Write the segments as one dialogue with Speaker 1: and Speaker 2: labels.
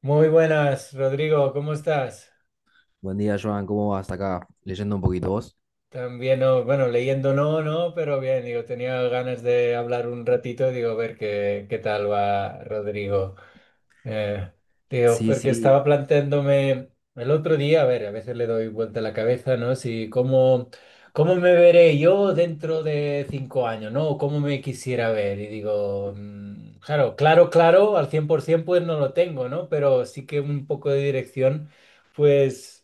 Speaker 1: Muy buenas, Rodrigo, ¿cómo estás?
Speaker 2: Buen día, Joan. ¿Cómo vas acá? Leyendo un poquito vos.
Speaker 1: También, no, bueno, leyendo no, no, pero bien, digo, tenía ganas de hablar un ratito, digo, a ver qué tal va Rodrigo. Eh, Digo,
Speaker 2: Sí,
Speaker 1: porque
Speaker 2: sí,
Speaker 1: estaba planteándome el otro día, a ver, a veces le doy vuelta a la cabeza, ¿no? Si cómo, ¿Cómo me veré yo dentro de 5 años? ¿No? O cómo me quisiera ver. Y digo, claro, claro, claro, al 100% pues no lo tengo, ¿no? Pero sí que un poco de dirección, pues...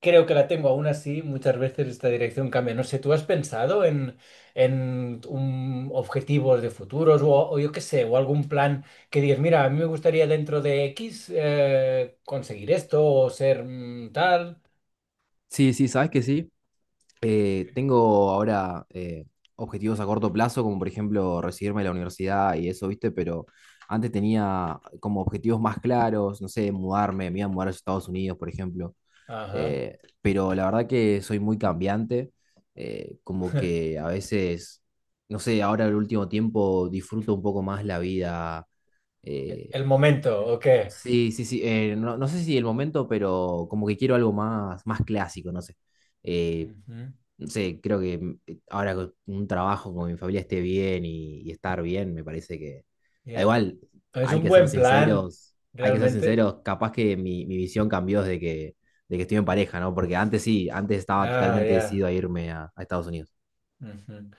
Speaker 1: Creo que la tengo. Aún así, muchas veces esta dirección cambia. No sé, ¿tú has pensado en un objetivos de futuros o yo qué sé, o algún plan que digas, mira, a mí me gustaría dentro de X conseguir esto o ser tal?
Speaker 2: sí, sabes que sí. Tengo ahora objetivos a corto plazo, como por ejemplo recibirme de la universidad y eso, ¿viste? Pero antes tenía como objetivos más claros, no sé, mudarme, me iba a mudar a Estados Unidos, por ejemplo.
Speaker 1: Ajá.
Speaker 2: Pero la verdad que soy muy cambiante, como que a veces, no sé, ahora el último tiempo disfruto un poco más la vida. eh,
Speaker 1: El momento, ¿o qué?
Speaker 2: Sí, sí, sí. No, no sé si el momento, pero como que quiero algo más, más clásico, no sé. Eh,
Speaker 1: Ujú.
Speaker 2: no sé, creo que ahora con un trabajo con mi familia esté bien y, estar bien, me parece que. Da
Speaker 1: Ya.
Speaker 2: igual,
Speaker 1: Es
Speaker 2: hay
Speaker 1: un
Speaker 2: que ser
Speaker 1: buen plan,
Speaker 2: sinceros, hay que ser
Speaker 1: realmente.
Speaker 2: sinceros, capaz que mi visión cambió de que estoy en pareja, ¿no? Porque antes sí, antes estaba
Speaker 1: Ah,
Speaker 2: totalmente
Speaker 1: ya.
Speaker 2: decidido a irme a Estados Unidos.
Speaker 1: Ujú.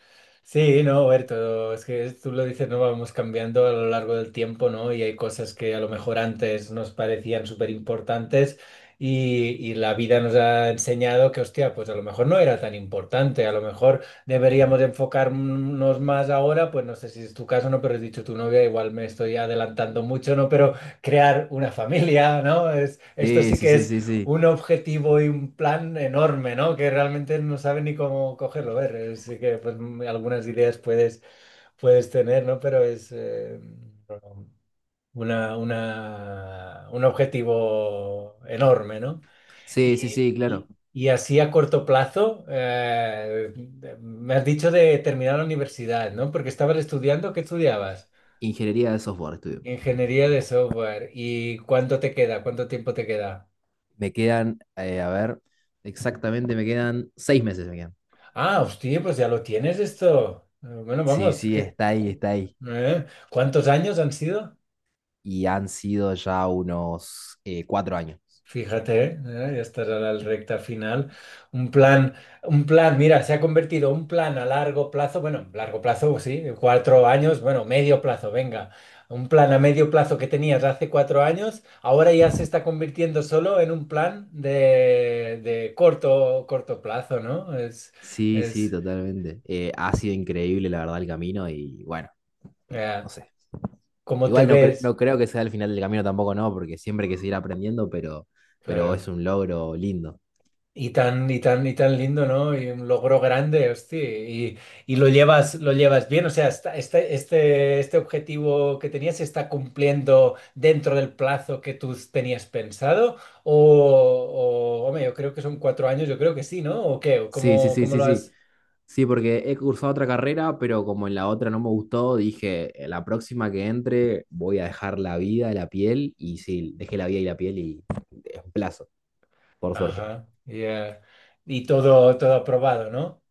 Speaker 1: Sí, no, Berto, es que tú lo dices, no vamos cambiando a lo largo del tiempo, ¿no? Y hay cosas que a lo mejor antes nos parecían súper importantes y la vida nos ha enseñado que, hostia, pues a lo mejor no era tan importante, a lo mejor deberíamos enfocarnos más ahora, pues no sé si es tu caso, ¿no? Pero has dicho tu novia, igual me estoy adelantando mucho, ¿no? Pero crear una familia, ¿no? Es, esto
Speaker 2: Sí,
Speaker 1: sí
Speaker 2: sí,
Speaker 1: que
Speaker 2: sí, sí, sí.
Speaker 1: un objetivo y un plan enorme, ¿no? Que realmente no sabe ni cómo cogerlo. A ver, sí que pues, algunas ideas puedes, puedes tener, ¿no? Pero es una, un objetivo enorme, ¿no?
Speaker 2: Sí, sí,
Speaker 1: Y,
Speaker 2: sí, claro.
Speaker 1: y- y así a corto plazo, me has dicho de terminar la universidad, ¿no? Porque estabas estudiando, ¿qué estudiabas?
Speaker 2: Ingeniería de software estudio.
Speaker 1: Ingeniería de software. ¿Y cuánto te queda? ¿Cuánto tiempo te queda?
Speaker 2: Me quedan, a ver, exactamente, me quedan 6 meses, me quedan.
Speaker 1: Ah, hostia, pues ya lo tienes esto. Bueno,
Speaker 2: Sí,
Speaker 1: vamos,
Speaker 2: sí,
Speaker 1: ¿qué,
Speaker 2: está ahí, está ahí.
Speaker 1: eh? ¿Cuántos años han sido?
Speaker 2: Y han sido ya unos 4 años.
Speaker 1: Fíjate, ya estás a la recta final. Un plan, un plan, mira, se ha convertido un plan a largo plazo, bueno, largo plazo, sí, cuatro años, bueno, medio plazo, venga. Un plan a medio plazo que tenías hace cuatro años, ahora ya se está convirtiendo solo en un plan de corto, corto plazo, ¿no?
Speaker 2: Sí, sí,
Speaker 1: Es,
Speaker 2: totalmente. Ha sido increíble, la verdad, el camino y bueno, no
Speaker 1: eh,
Speaker 2: sé.
Speaker 1: ¿cómo te
Speaker 2: Igual no, no
Speaker 1: ves?
Speaker 2: creo que sea el final del camino tampoco, no, porque siempre hay que seguir aprendiendo, pero es
Speaker 1: Claro.
Speaker 2: un logro lindo.
Speaker 1: Y tan, y tan, y tan lindo, ¿no? Y un logro grande, hostia. Y lo llevas bien. O sea, este, este, este objetivo que tenías se está cumpliendo dentro del plazo que tú tenías pensado. O hombre, yo creo que son cuatro años, yo creo que sí, ¿no? ¿O qué? ¿O
Speaker 2: Sí, sí,
Speaker 1: ¿Cómo,
Speaker 2: sí,
Speaker 1: cómo
Speaker 2: sí,
Speaker 1: lo
Speaker 2: sí.
Speaker 1: has?
Speaker 2: Sí, porque he cursado otra carrera, pero como en la otra no me gustó, dije: la próxima que entre voy a dejar la vida y la piel", y sí, dejé la vida y la piel y es un plazo, por suerte.
Speaker 1: Ajá, ya. Y todo, todo aprobado, ¿no?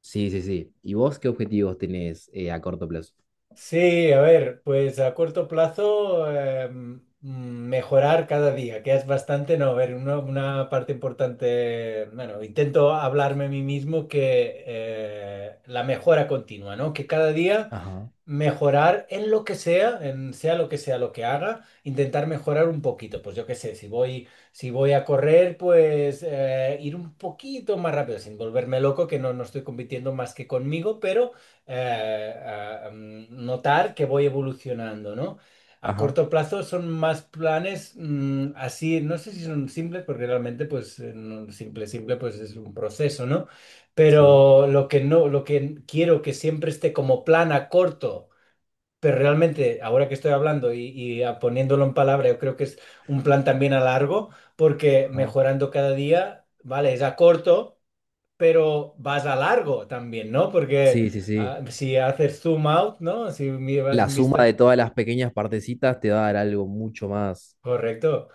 Speaker 2: Sí, sí, sí. ¿Y vos qué objetivos tenés a corto plazo?
Speaker 1: Sí, a ver, pues a corto plazo mejorar cada día, que es bastante, no, a ver, una parte importante, bueno, intento hablarme a mí mismo que la mejora continua, ¿no? Que cada día
Speaker 2: Ajá,
Speaker 1: mejorar en lo que sea, en sea lo que haga, intentar mejorar un poquito. Pues yo qué sé, si voy a correr, pues ir un poquito más rápido, sin volverme loco, que no, no estoy compitiendo más que conmigo, pero notar que voy evolucionando, ¿no? A
Speaker 2: ajá,
Speaker 1: corto plazo son más planes así, no sé si son simples, porque realmente pues simple, simple pues es un proceso, ¿no?
Speaker 2: sí,
Speaker 1: Pero lo que no, lo que quiero que siempre esté como plan a corto. Pero realmente, ahora que estoy hablando poniéndolo en palabra, yo creo que es un plan también a largo, porque
Speaker 2: ajá.
Speaker 1: mejorando cada día, vale, es a corto, pero vas a largo también, ¿no? Porque
Speaker 2: Sí, sí, sí.
Speaker 1: si haces zoom out, ¿no? Si mi- vas
Speaker 2: La
Speaker 1: en
Speaker 2: suma de
Speaker 1: vista,
Speaker 2: todas las pequeñas partecitas te va a dar algo mucho más.
Speaker 1: correcto.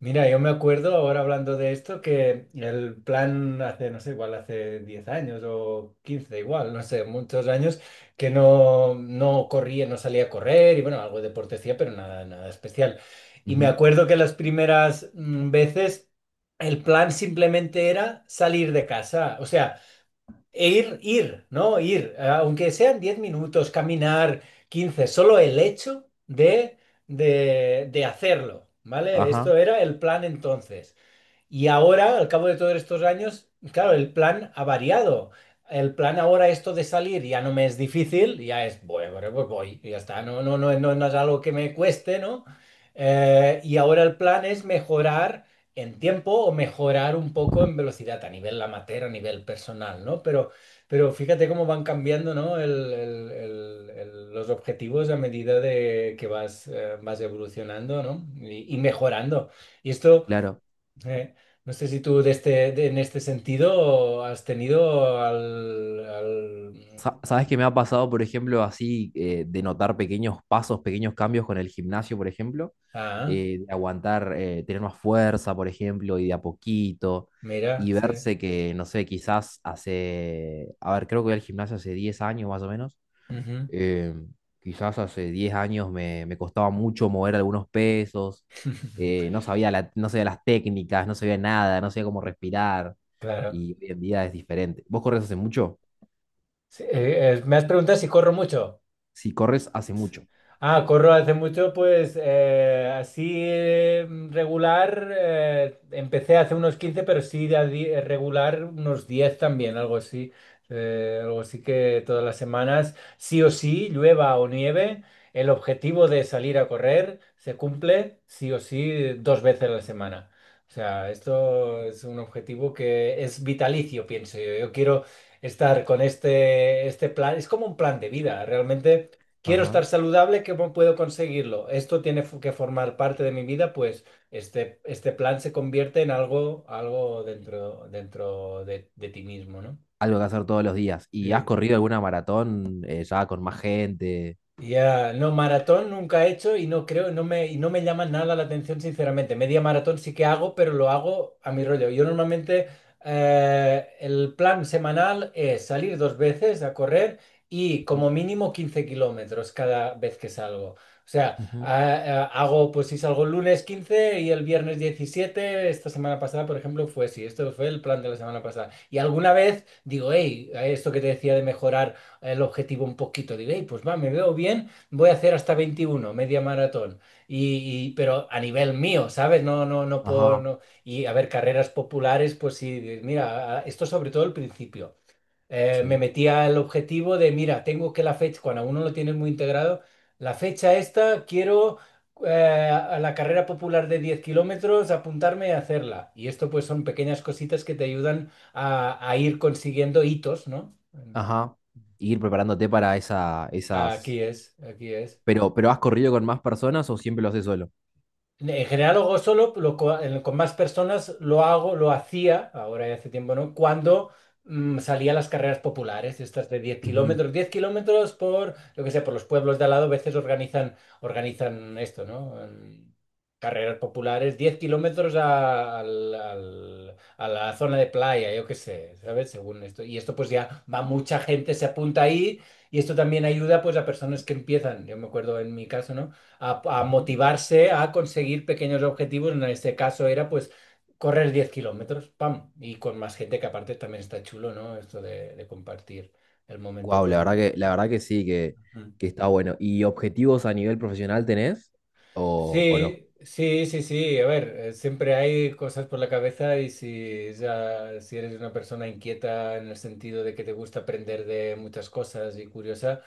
Speaker 1: Mira, yo me acuerdo ahora hablando de esto que el plan hace, no sé, igual hace 10 años o 15 igual, no sé, muchos años que no, no corría, no salía a correr y bueno, algo de deporte hacía, pero nada, nada especial. Y me
Speaker 2: Ujú.
Speaker 1: acuerdo que las primeras veces el plan simplemente era salir de casa. O sea, e ir, ir, ¿no? Ir, aunque sean 10 minutos, caminar quince, solo el hecho de hacerlo, ¿vale? Esto
Speaker 2: Ajá,
Speaker 1: era el plan entonces. Y ahora, al cabo de todos estos años, claro, el plan ha variado. El plan ahora, esto de salir, ya no me es difícil, ya es, bueno, bueno, pues voy, y ya está, no, no, no, no, no es algo que me cueste, ¿no? Y ahora el plan es mejorar en tiempo o mejorar un poco en velocidad a nivel amateur, a nivel personal, ¿no? Pero fíjate cómo van cambiando, ¿no? Los objetivos a medida de que vas, vas evolucionando, ¿no? Y y mejorando. Y esto...
Speaker 2: claro.
Speaker 1: Eh, no sé si tú de este, en este sentido has tenido al... al-
Speaker 2: Sabes que me ha pasado, por ejemplo, así de notar pequeños pasos, pequeños cambios con el gimnasio, por ejemplo,
Speaker 1: Ah,
Speaker 2: de aguantar, tener más fuerza, por ejemplo, y de a poquito,
Speaker 1: mira,
Speaker 2: y
Speaker 1: sí.
Speaker 2: verse que, no sé, quizás hace, a ver, creo que voy al gimnasio hace 10 años más o menos,
Speaker 1: Ujú.
Speaker 2: eh, quizás hace 10 años me costaba mucho mover algunos pesos, no sabía no sabía las técnicas, no sabía nada, no sabía cómo respirar,
Speaker 1: Claro.
Speaker 2: y hoy en día es diferente. ¿Vos corres hace mucho?
Speaker 1: Sí, me has preguntado si corro mucho.
Speaker 2: Si corres hace mucho.
Speaker 1: Ah, corro hace mucho, pues así regular, empecé hace unos 15, pero sí regular unos 10 también, algo así. Algo así que todas las semanas, sí o sí, llueva o nieve, el objetivo de salir a correr se cumple sí o sí 2 veces a la semana. O sea, esto es un objetivo que es vitalicio, pienso yo. Yo quiero estar con este, este plan, es como un plan de vida, realmente. Quiero
Speaker 2: Ajá.
Speaker 1: estar saludable, ¿cómo puedo conseguirlo? Esto tiene que formar parte de mi vida, pues este plan se convierte en algo, algo dentro, dentro de ti mismo, ¿no?
Speaker 2: Algo que hacer todos los días. ¿Y has
Speaker 1: Sí.
Speaker 2: corrido alguna maratón ya con más gente?
Speaker 1: Ya, no, maratón nunca he hecho y no creo, no me, y no me llama nada la atención, sinceramente. Media maratón sí que hago, pero lo hago a mi rollo. Yo normalmente el plan semanal es salir 2 veces a correr y
Speaker 2: Ujú,
Speaker 1: como mínimo 15 kilómetros cada vez que salgo. O sea,
Speaker 2: ujú.
Speaker 1: hago, pues si salgo el lunes 15 y el viernes 17 esta semana pasada, por ejemplo, fue así. Esto fue el plan de la semana pasada. Y alguna vez digo, hey, esto que te decía de mejorar el objetivo un poquito. Digo, "Ey, pues va, me veo bien, voy a hacer hasta veintiuno, media maratón. Pero a nivel mío, ¿sabes? No, no, no puedo.
Speaker 2: Ajá,
Speaker 1: Y a ver, carreras populares, pues sí, mira, esto sobre todo al principio. Me
Speaker 2: sí.
Speaker 1: metía el objetivo de, mira, tengo que la fecha, cuando a uno lo tienes muy integrado, la fecha esta, quiero eh, a la carrera popular de 10 kilómetros, apuntarme a hacerla. Y esto pues son pequeñas cositas que te ayudan a ir consiguiendo hitos, ¿no?
Speaker 2: Ajá. Ir preparándote para esa,
Speaker 1: Aquí
Speaker 2: esas...
Speaker 1: es, aquí es.
Speaker 2: Pero, ¿has corrido con más personas o siempre lo haces solo?
Speaker 1: En general lo hago solo, con más personas lo hago, lo hacía, ahora ya hace tiempo no, cuando salía a las carreras populares, estas de 10 kilómetros, 10 kilómetros por, lo que sé, por los pueblos de al lado, a veces organizan, organizan esto, ¿no? En carreras populares, 10 kilómetros a la zona de playa, yo qué sé, ¿sabes? Según esto. Y esto pues ya va mucha gente, se apunta ahí y esto también ayuda pues a personas que empiezan, yo me acuerdo en mi caso, ¿no? A motivarse a conseguir pequeños objetivos. En este caso era pues correr 10 kilómetros, pam, y con más gente que aparte también está chulo, ¿no? Esto de compartir el momento
Speaker 2: Wow,
Speaker 1: con...
Speaker 2: la verdad que sí,
Speaker 1: Ujú.
Speaker 2: que está bueno. ¿Y objetivos a nivel profesional tenés? O no?
Speaker 1: Sí, sí, sí, sí. A ver, siempre hay cosas por la cabeza y si, ya, si eres una persona inquieta en el sentido de que te gusta aprender de muchas cosas y curiosa,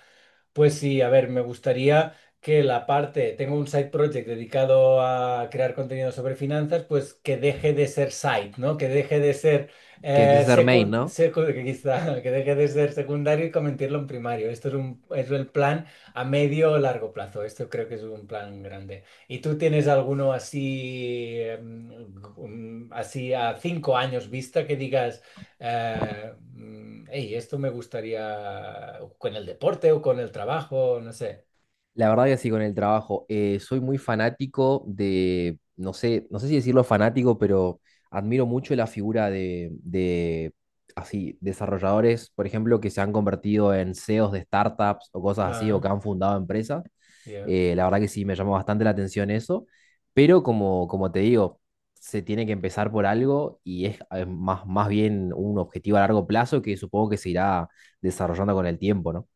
Speaker 1: pues sí, a ver, me gustaría que la parte, tengo un side project dedicado a crear contenido sobre finanzas, pues que deje de ser side, ¿no? Que deje de ser
Speaker 2: Que empieces a ser main, ¿no?
Speaker 1: que deje de ser secundario y convertirlo en primario. Esto es un, es el plan a medio o largo plazo. Esto creo que es un plan grande. ¿Y tú tienes alguno así, em, así a 5 años vista que digas? "Ey, esto me gustaría con el deporte o con el trabajo, no sé.
Speaker 2: La verdad que sí, con el trabajo. Soy muy fanático de, no sé, no sé si decirlo fanático, pero admiro mucho la figura de, así, desarrolladores, por ejemplo, que se han convertido en CEOs de startups o cosas así, o
Speaker 1: Ah,
Speaker 2: que han fundado empresas.
Speaker 1: ya,
Speaker 2: La verdad que sí, me llamó bastante la atención eso, pero como, como te digo, se tiene que empezar por algo y es más, más bien un objetivo a largo plazo que supongo que se irá desarrollando con el tiempo, ¿no?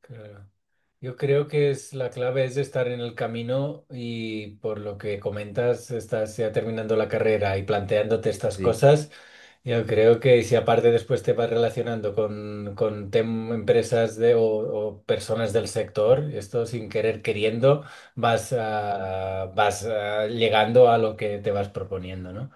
Speaker 1: claro. Yo creo que es la clave es estar en el camino y por lo que comentas, estás ya terminando la carrera y planteándote
Speaker 2: Sí, sí,
Speaker 1: estas
Speaker 2: sí.
Speaker 1: cosas. Yo creo que si aparte después te vas relacionando con, empresas de, o personas del sector, esto sin querer queriendo, vas, vas llegando a lo que te vas proponiendo, no.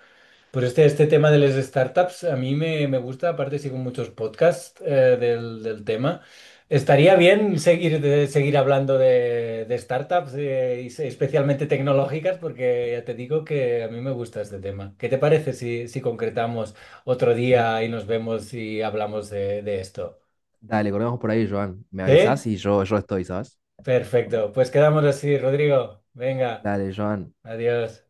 Speaker 1: Pues este tema de las startups a mí me, me gusta, aparte sigo muchos podcasts del, del tema. Estaría bien seguir, seguir hablando de startups, especialmente tecnológicas, porque ya te digo que a mí me gusta este tema. ¿Qué te parece si concretamos otro día y nos vemos y hablamos de esto?
Speaker 2: Dale, corremos por ahí, Joan. Me
Speaker 1: ¿Sí?
Speaker 2: avisás y yo estoy, ¿sabes?
Speaker 1: Perfecto. Pues quedamos así, Rodrigo. Venga,
Speaker 2: Dale, Joan.
Speaker 1: adiós.